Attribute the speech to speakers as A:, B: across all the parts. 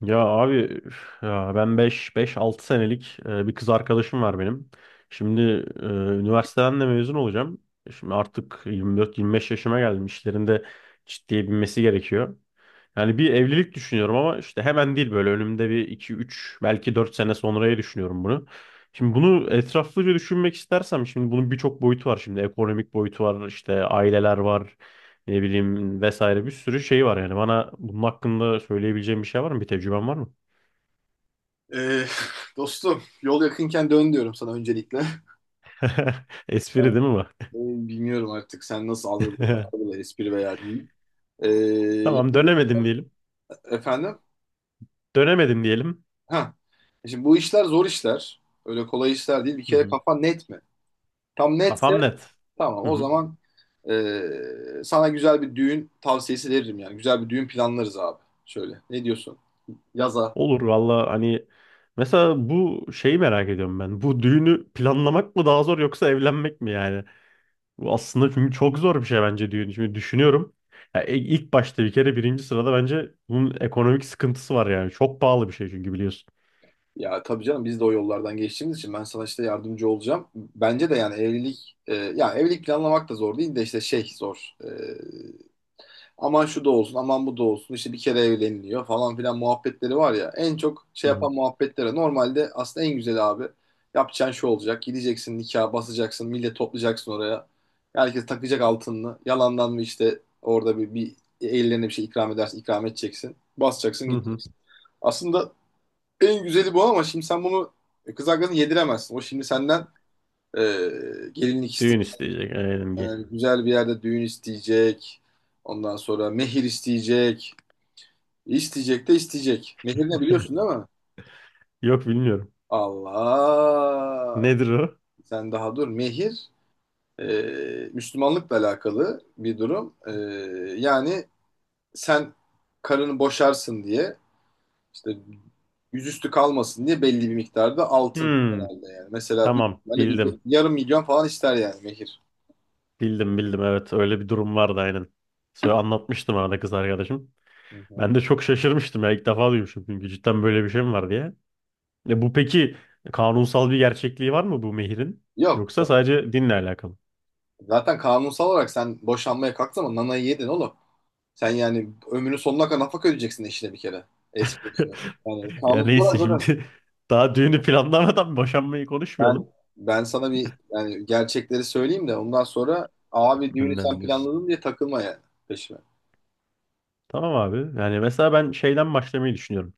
A: Ya abi üf, ya ben beş altı senelik bir kız arkadaşım var benim. Şimdi e, üniversiteden de mezun olacağım. Şimdi artık 24-25 yaşıma geldim. İşlerinde ciddiye binmesi gerekiyor. Yani bir evlilik düşünüyorum ama işte hemen değil böyle önümde bir iki üç belki 4 sene sonraya düşünüyorum bunu. Şimdi bunu etraflıca düşünmek istersem şimdi bunun birçok boyutu var. Şimdi ekonomik boyutu var işte aileler var, ne bileyim vesaire bir sürü şey var yani. Bana bunun hakkında söyleyebileceğim bir şey var mı? Bir tecrüben var mı?
B: Ee, dostum yol yakınken dön diyorum sana öncelikle.
A: Espri
B: Ben
A: değil mi bu?
B: e, bilmiyorum artık sen nasıl algılıyorsun, algıla espri veya değil. Ee, ya-
A: Tamam, dönemedim diyelim.
B: Efendim?
A: Dönemedim diyelim.
B: Ha. Şimdi bu işler zor işler. Öyle kolay işler değil. Bir
A: Hı
B: kere
A: hı.
B: kafan net mi? Tam netse
A: Kafam net.
B: tamam
A: Hı
B: o
A: hı.
B: zaman sana güzel bir düğün tavsiyesi veririm yani. Güzel bir düğün planlarız abi. Şöyle. Ne diyorsun? Yaza.
A: Olur valla, hani mesela bu şeyi merak ediyorum ben. Bu düğünü planlamak mı daha zor yoksa evlenmek mi yani? Bu aslında çünkü çok zor bir şey bence düğün. Şimdi düşünüyorum. Ya ilk başta bir kere birinci sırada bence bunun ekonomik sıkıntısı var yani. Çok pahalı bir şey çünkü biliyorsun.
B: Ya tabii canım, biz de o yollardan geçtiğimiz için ben sana işte yardımcı olacağım. Bence de yani evlilik, ya evlilik planlamak da zor değil de işte şey zor. Aman şu da olsun, aman bu da olsun, işte bir kere evleniliyor falan filan muhabbetleri var ya. En çok şey
A: Hı hı.
B: yapan muhabbetlere normalde aslında en güzeli abi. Yapacağın şu olacak. Gideceksin nikaha basacaksın, millet toplayacaksın oraya. Herkes takacak altınını. Yalandan mı işte orada bir ellerine bir şey ikram edersin, ikram edeceksin. Basacaksın,
A: Hı hı.
B: gideceksin. Aslında en güzeli bu, ama şimdi sen bunu kız arkadaşına yediremezsin. O şimdi senden e, gelinlik
A: Düğün
B: isteyecek,
A: isteyecek LNG.
B: yani güzel bir yerde düğün isteyecek. Ondan sonra mehir isteyecek. İsteyecek de isteyecek. Mehir, ne biliyorsun değil mi?
A: Yok, bilmiyorum.
B: Allah!
A: Nedir o?
B: Sen daha dur. Mehir e, Müslümanlıkla alakalı bir durum. Yani sen karını boşarsın diye, İşte yüzüstü kalmasın diye belli bir miktarda altın
A: Hmm,
B: genelde yani. Mesela bir,
A: tamam
B: böyle bir
A: bildim.
B: 500.000 falan ister yani mehir.
A: Bildim bildim, evet, öyle bir durum vardı aynen. Söyle anlatmıştım arada kız arkadaşım.
B: Hı hı.
A: Ben de çok şaşırmıştım ya, ilk defa duymuşum çünkü, cidden böyle bir şey mi var diye. E bu peki, kanunsal bir gerçekliği var mı bu mehirin?
B: Yok,
A: Yoksa
B: yok.
A: sadece dinle alakalı?
B: Zaten kanunsal olarak sen boşanmaya kalktın ama nanayı yedin oğlum. Sen yani ömrünün sonuna kadar nafaka ödeyeceksin eşine bir kere. Eski eşine. Yani
A: Ya
B: kanunsal
A: neyse
B: olarak
A: şimdi daha düğünü planlamadan boşanmayı
B: zaten
A: konuşmayalım,
B: ben sana bir, yani gerçekleri söyleyeyim de ondan sonra abi düğünü sen
A: önden diyorsun.
B: planladın diye takılma yani peşime.
A: Tamam abi. Yani mesela ben şeyden başlamayı düşünüyorum.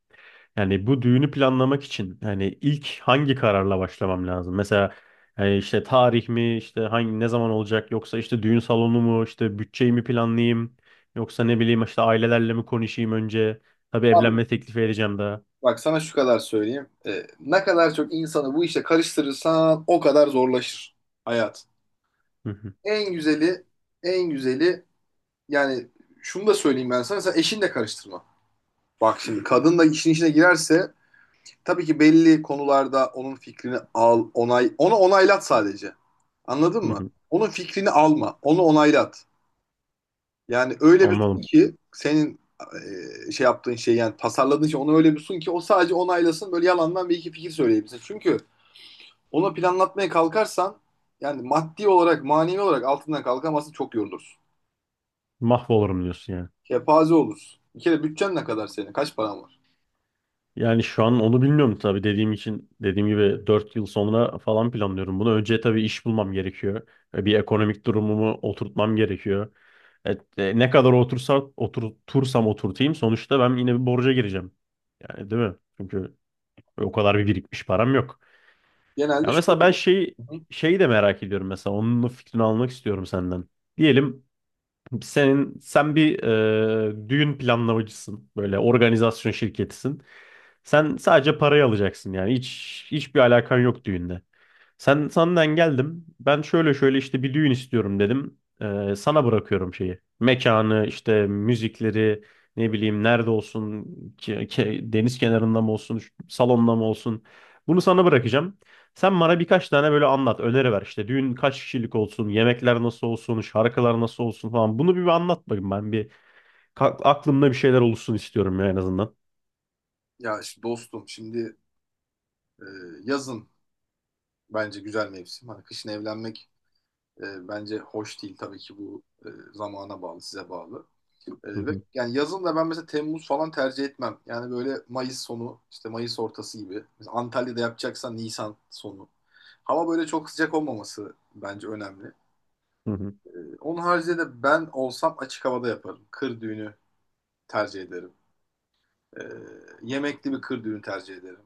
A: Yani bu düğünü planlamak için yani ilk hangi kararla başlamam lazım? Mesela yani işte tarih mi, işte hangi ne zaman olacak, yoksa işte düğün salonu mu, işte bütçeyi mi planlayayım yoksa ne bileyim işte ailelerle mi konuşayım önce? Tabii
B: Abi,
A: evlenme teklifi edeceğim daha.
B: bak sana şu kadar söyleyeyim. Ne kadar çok insanı bu işe karıştırırsan o kadar zorlaşır hayat.
A: Hı hı,
B: En güzeli, en güzeli yani şunu da söyleyeyim ben sana. Sen eşinle karıştırma. Bak şimdi, kadın da işin içine girerse tabii ki belli konularda onun fikrini al, onay, onu onaylat sadece. Anladın
A: hı
B: mı?
A: hı.
B: Onun fikrini alma, onu onaylat. Yani öyle bir sun
A: Anladım.
B: ki senin şey yaptığın şey, yani tasarladığın şey, onu öyle bir sun ki o sadece onaylasın, böyle yalandan bir iki fikir söyleyebilsin. Çünkü onu planlatmaya kalkarsan yani maddi olarak, manevi olarak altından kalkamazsın, çok yorulursun.
A: Mahvolurum diyorsun yani.
B: Kepaze olursun. Bir kere bütçen ne kadar senin? Kaç paran var?
A: Yani şu an onu bilmiyorum tabii, dediğim için, dediğim gibi 4 yıl sonra falan planlıyorum bunu. Önce tabii iş bulmam gerekiyor. Bir ekonomik durumumu oturtmam gerekiyor. Evet, ne kadar otursa, oturtursam oturtayım, sonuçta ben yine bir borca gireceğim. Yani değil mi? Çünkü o kadar bir birikmiş param yok.
B: Genelde
A: Ya
B: şu
A: mesela ben
B: oluyor.
A: şey,
B: Hı hı.
A: şeyi de merak ediyorum mesela, onun da fikrini almak istiyorum senden. Diyelim sen bir düğün planlamacısın. Böyle organizasyon şirketisin. Sen sadece parayı alacaksın, yani hiç, hiçbir alakan yok düğünle. Sen senden geldim. Ben şöyle şöyle işte bir düğün istiyorum dedim. Sana bırakıyorum şeyi. Mekanı, işte müzikleri, ne bileyim nerede olsun, deniz kenarında mı olsun, salonda mı olsun. Bunu sana bırakacağım. Sen bana birkaç tane böyle anlat, öneri ver. İşte düğün kaç kişilik olsun, yemekler nasıl olsun, şarkılar nasıl olsun falan. Bunu bir anlat bakayım ben. Aklımda bir şeyler oluşsun istiyorum ya, en azından.
B: Ya işte dostum şimdi e, yazın bence güzel mevsim. Hani kışın evlenmek bence hoş değil, tabii ki bu zamana bağlı, size bağlı.
A: Hı
B: Ve
A: hı.
B: yani yazın da ben mesela Temmuz falan tercih etmem. Yani böyle Mayıs sonu, işte Mayıs ortası gibi. Mesela Antalya'da yapacaksan Nisan sonu. Hava böyle çok sıcak olmaması bence önemli.
A: Hı hı.
B: Onun haricinde de ben olsam açık havada yaparım. Kır düğünü tercih ederim. Ee, Yemekli bir kır düğünü tercih ederim.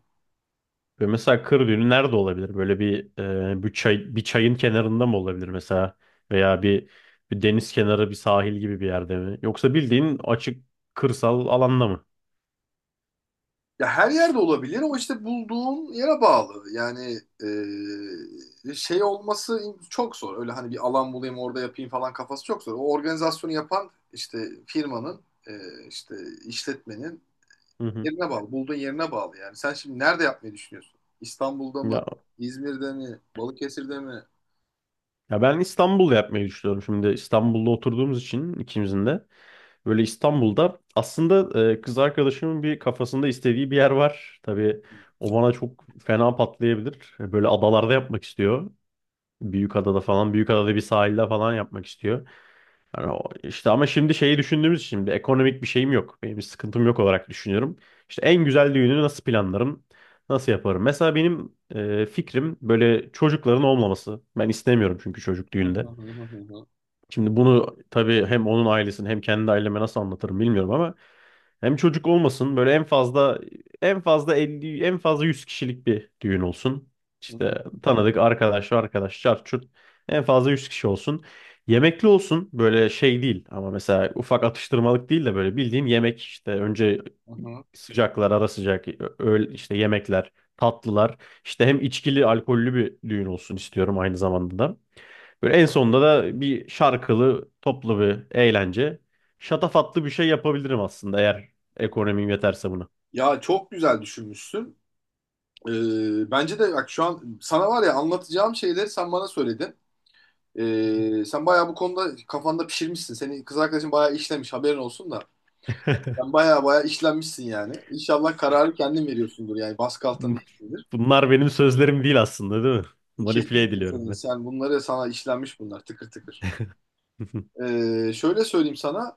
A: Böyle mesela kır düğünü nerede olabilir? Böyle bir bir çay, bir çayın kenarında mı olabilir mesela? Veya bir deniz kenarı, bir sahil gibi bir yerde mi? Yoksa bildiğin açık kırsal alanda mı?
B: Ya her yerde olabilir ama işte bulduğun yere bağlı. Yani şey olması çok zor. Öyle hani bir alan bulayım orada yapayım falan kafası çok zor. O organizasyonu yapan işte firmanın, ee, işte işletmenin
A: Hı hı.
B: yerine bağlı. Bulduğun yerine bağlı yani. Sen şimdi nerede yapmayı düşünüyorsun? İstanbul'da mı?
A: Ya,
B: İzmir'de mi? Balıkesir'de
A: ya ben İstanbul yapmayı düşünüyorum. Şimdi İstanbul'da oturduğumuz için ikimizin de, böyle İstanbul'da aslında kız arkadaşımın bir kafasında istediği bir yer var. Tabii o bana çok fena patlayabilir. E, böyle adalarda yapmak istiyor. Büyükada'da falan, Büyükada'da bir sahilde falan yapmak istiyor. Yani işte, ama şimdi şeyi düşündüğümüz için şimdi ekonomik bir şeyim yok. Benim bir sıkıntım yok olarak düşünüyorum. İşte en güzel düğünü nasıl planlarım? Nasıl yaparım? Mesela benim fikrim böyle çocukların olmaması. Ben istemiyorum çünkü çocuk düğünde. Şimdi bunu tabii hem onun ailesini hem kendi aileme nasıl anlatırım bilmiyorum ama, hem çocuk olmasın, böyle en fazla 50, en fazla 100 kişilik bir düğün olsun.
B: mi?
A: İşte tanıdık arkadaş arkadaş çarçurt çurt, en fazla 100 kişi olsun. Yemekli olsun, böyle şey değil, ama mesela ufak atıştırmalık değil de böyle bildiğin yemek, işte önce sıcaklar, ara sıcak, öğle, işte yemekler, tatlılar, işte hem içkili, alkollü bir düğün olsun istiyorum aynı zamanda da. Böyle en sonunda da bir şarkılı, toplu bir eğlence. Şatafatlı bir şey yapabilirim aslında eğer ekonomim yeterse buna.
B: Ya çok güzel düşünmüşsün. Bence de bak, şu an sana var ya anlatacağım şeyleri sen bana söyledin. Sen bayağı bu konuda kafanda pişirmişsin. Senin kız arkadaşın bayağı işlemiş, haberin olsun da. Sen bayağı bayağı işlenmişsin yani. İnşallah kararı kendin veriyorsundur yani, baskı altında değilsindir.
A: Bunlar benim sözlerim değil aslında, değil mi? Manipüle
B: Kesinlikle
A: ediliyorum
B: senin.
A: ben.
B: Sen bunları, sana işlenmiş bunlar tıkır tıkır. Şöyle söyleyeyim sana.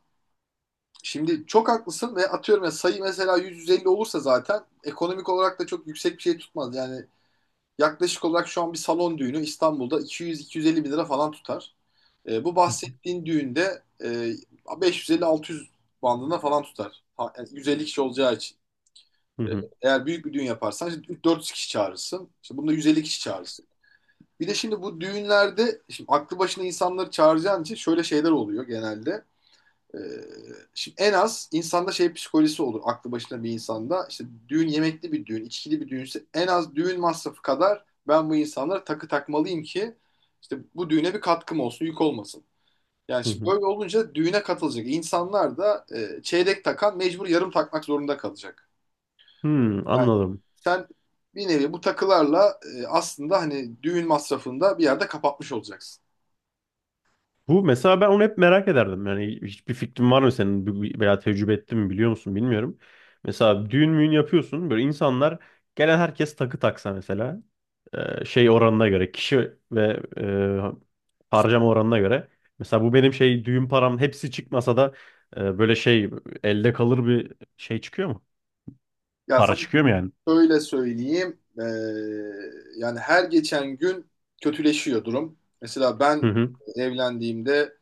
B: Şimdi çok haklısın ve atıyorum ya, sayı mesela 150 olursa zaten ekonomik olarak da çok yüksek bir şey tutmaz. Yani yaklaşık olarak şu an bir salon düğünü İstanbul'da 200-250 bin lira falan tutar. Bu bahsettiğin düğünde 550-600 bandına falan tutar. Ha, yani 150 kişi olacağı için. E, Eğer büyük bir düğün yaparsan işte 400 kişi çağırırsın. İşte bunda 150 kişi çağırırsın. Bir de şimdi bu düğünlerde, şimdi aklı başına insanları çağıracağın için şöyle şeyler oluyor genelde. Ee, Şimdi en az insanda şey psikolojisi olur. Aklı başında bir insanda işte düğün, yemekli bir düğün, içkili bir düğünse, en az düğün masrafı kadar ben bu insanlara takı takmalıyım ki işte bu düğüne bir katkım olsun, yük olmasın. Yani şimdi böyle olunca düğüne katılacak insanlar da çeyrek takan mecbur yarım takmak zorunda kalacak.
A: Hmm,
B: Yani
A: anladım.
B: sen bir nevi bu takılarla aslında hani düğün masrafını da bir yerde kapatmış olacaksın.
A: Bu mesela, ben onu hep merak ederdim. Yani hiçbir fikrin var mı senin? Veya tecrübe ettin mi, biliyor musun, bilmiyorum. Mesela düğün müğün yapıyorsun, böyle insanlar, gelen herkes takı taksa mesela. Şey, oranına göre kişi ve harcama oranına göre. Mesela bu benim şey, düğün param hepsi çıkmasa da böyle şey, elde kalır bir şey çıkıyor mu?
B: Ya
A: Para
B: sen,
A: çıkıyor mu yani?
B: şöyle söyleyeyim, yani her geçen gün kötüleşiyor durum. Mesela
A: Hı
B: ben
A: hı.
B: evlendiğimde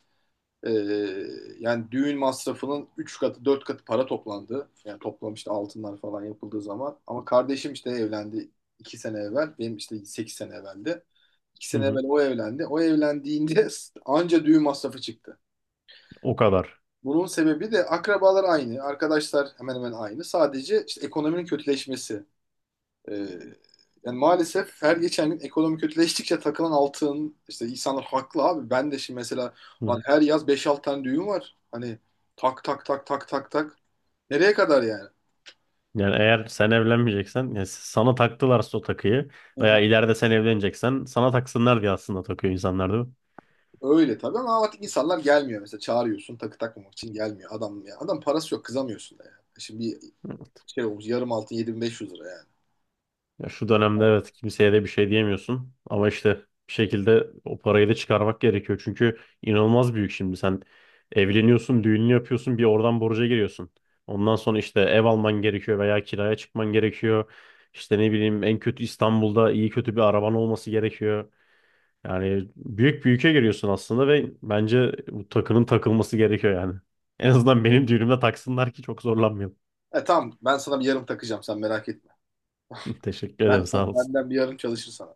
B: eee, yani düğün masrafının 3 katı 4 katı para toplandı. Yani toplam işte altınlar falan yapıldığı zaman. Ama kardeşim işte evlendi 2 sene evvel. Benim işte 8 sene evveldi. iki
A: Hı
B: sene
A: hı.
B: evvel o evlendi. O evlendiğinde anca düğün masrafı çıktı.
A: O kadar.
B: Bunun sebebi de akrabalar aynı, arkadaşlar hemen hemen aynı. Sadece işte ekonominin kötüleşmesi. Ee, Yani maalesef her geçen gün ekonomi kötüleştikçe takılan altın, işte insanlar haklı abi. Ben de şimdi mesela
A: Hı
B: hani
A: hı.
B: her yaz beş altı tane düğün var. Hani tak tak tak tak tak tak. Nereye kadar yani?
A: Yani eğer sen evlenmeyeceksen, yani sana taktılarsa o takıyı,
B: Hı
A: veya
B: hı.
A: ileride sen evleneceksen sana taksınlar diye aslında takıyor insanlar, değil mi?
B: Öyle tabii ama artık insanlar gelmiyor mesela, çağırıyorsun takı takmamak için gelmiyor adam ya. Adam parası yok, kızamıyorsun da yani. Şimdi bir şey olmuş, yarım altın 7.500 lira yani.
A: Ya şu dönemde evet, kimseye de bir şey diyemiyorsun, ama işte bir şekilde o parayı da çıkarmak gerekiyor. Çünkü inanılmaz büyük, şimdi sen evleniyorsun, düğününü yapıyorsun, bir oradan borca giriyorsun. Ondan sonra işte ev alman gerekiyor veya kiraya çıkman gerekiyor. İşte ne bileyim, en kötü İstanbul'da iyi kötü bir araban olması gerekiyor. Yani büyük bir ülke giriyorsun aslında, ve bence bu takının takılması gerekiyor yani. En azından benim düğünümde taksınlar ki çok zorlanmayalım.
B: E tamam, ben sana bir yarım takacağım, sen merak etme.
A: Teşekkür ederim, sağ olun.
B: Benden bir yarım çalışır sana.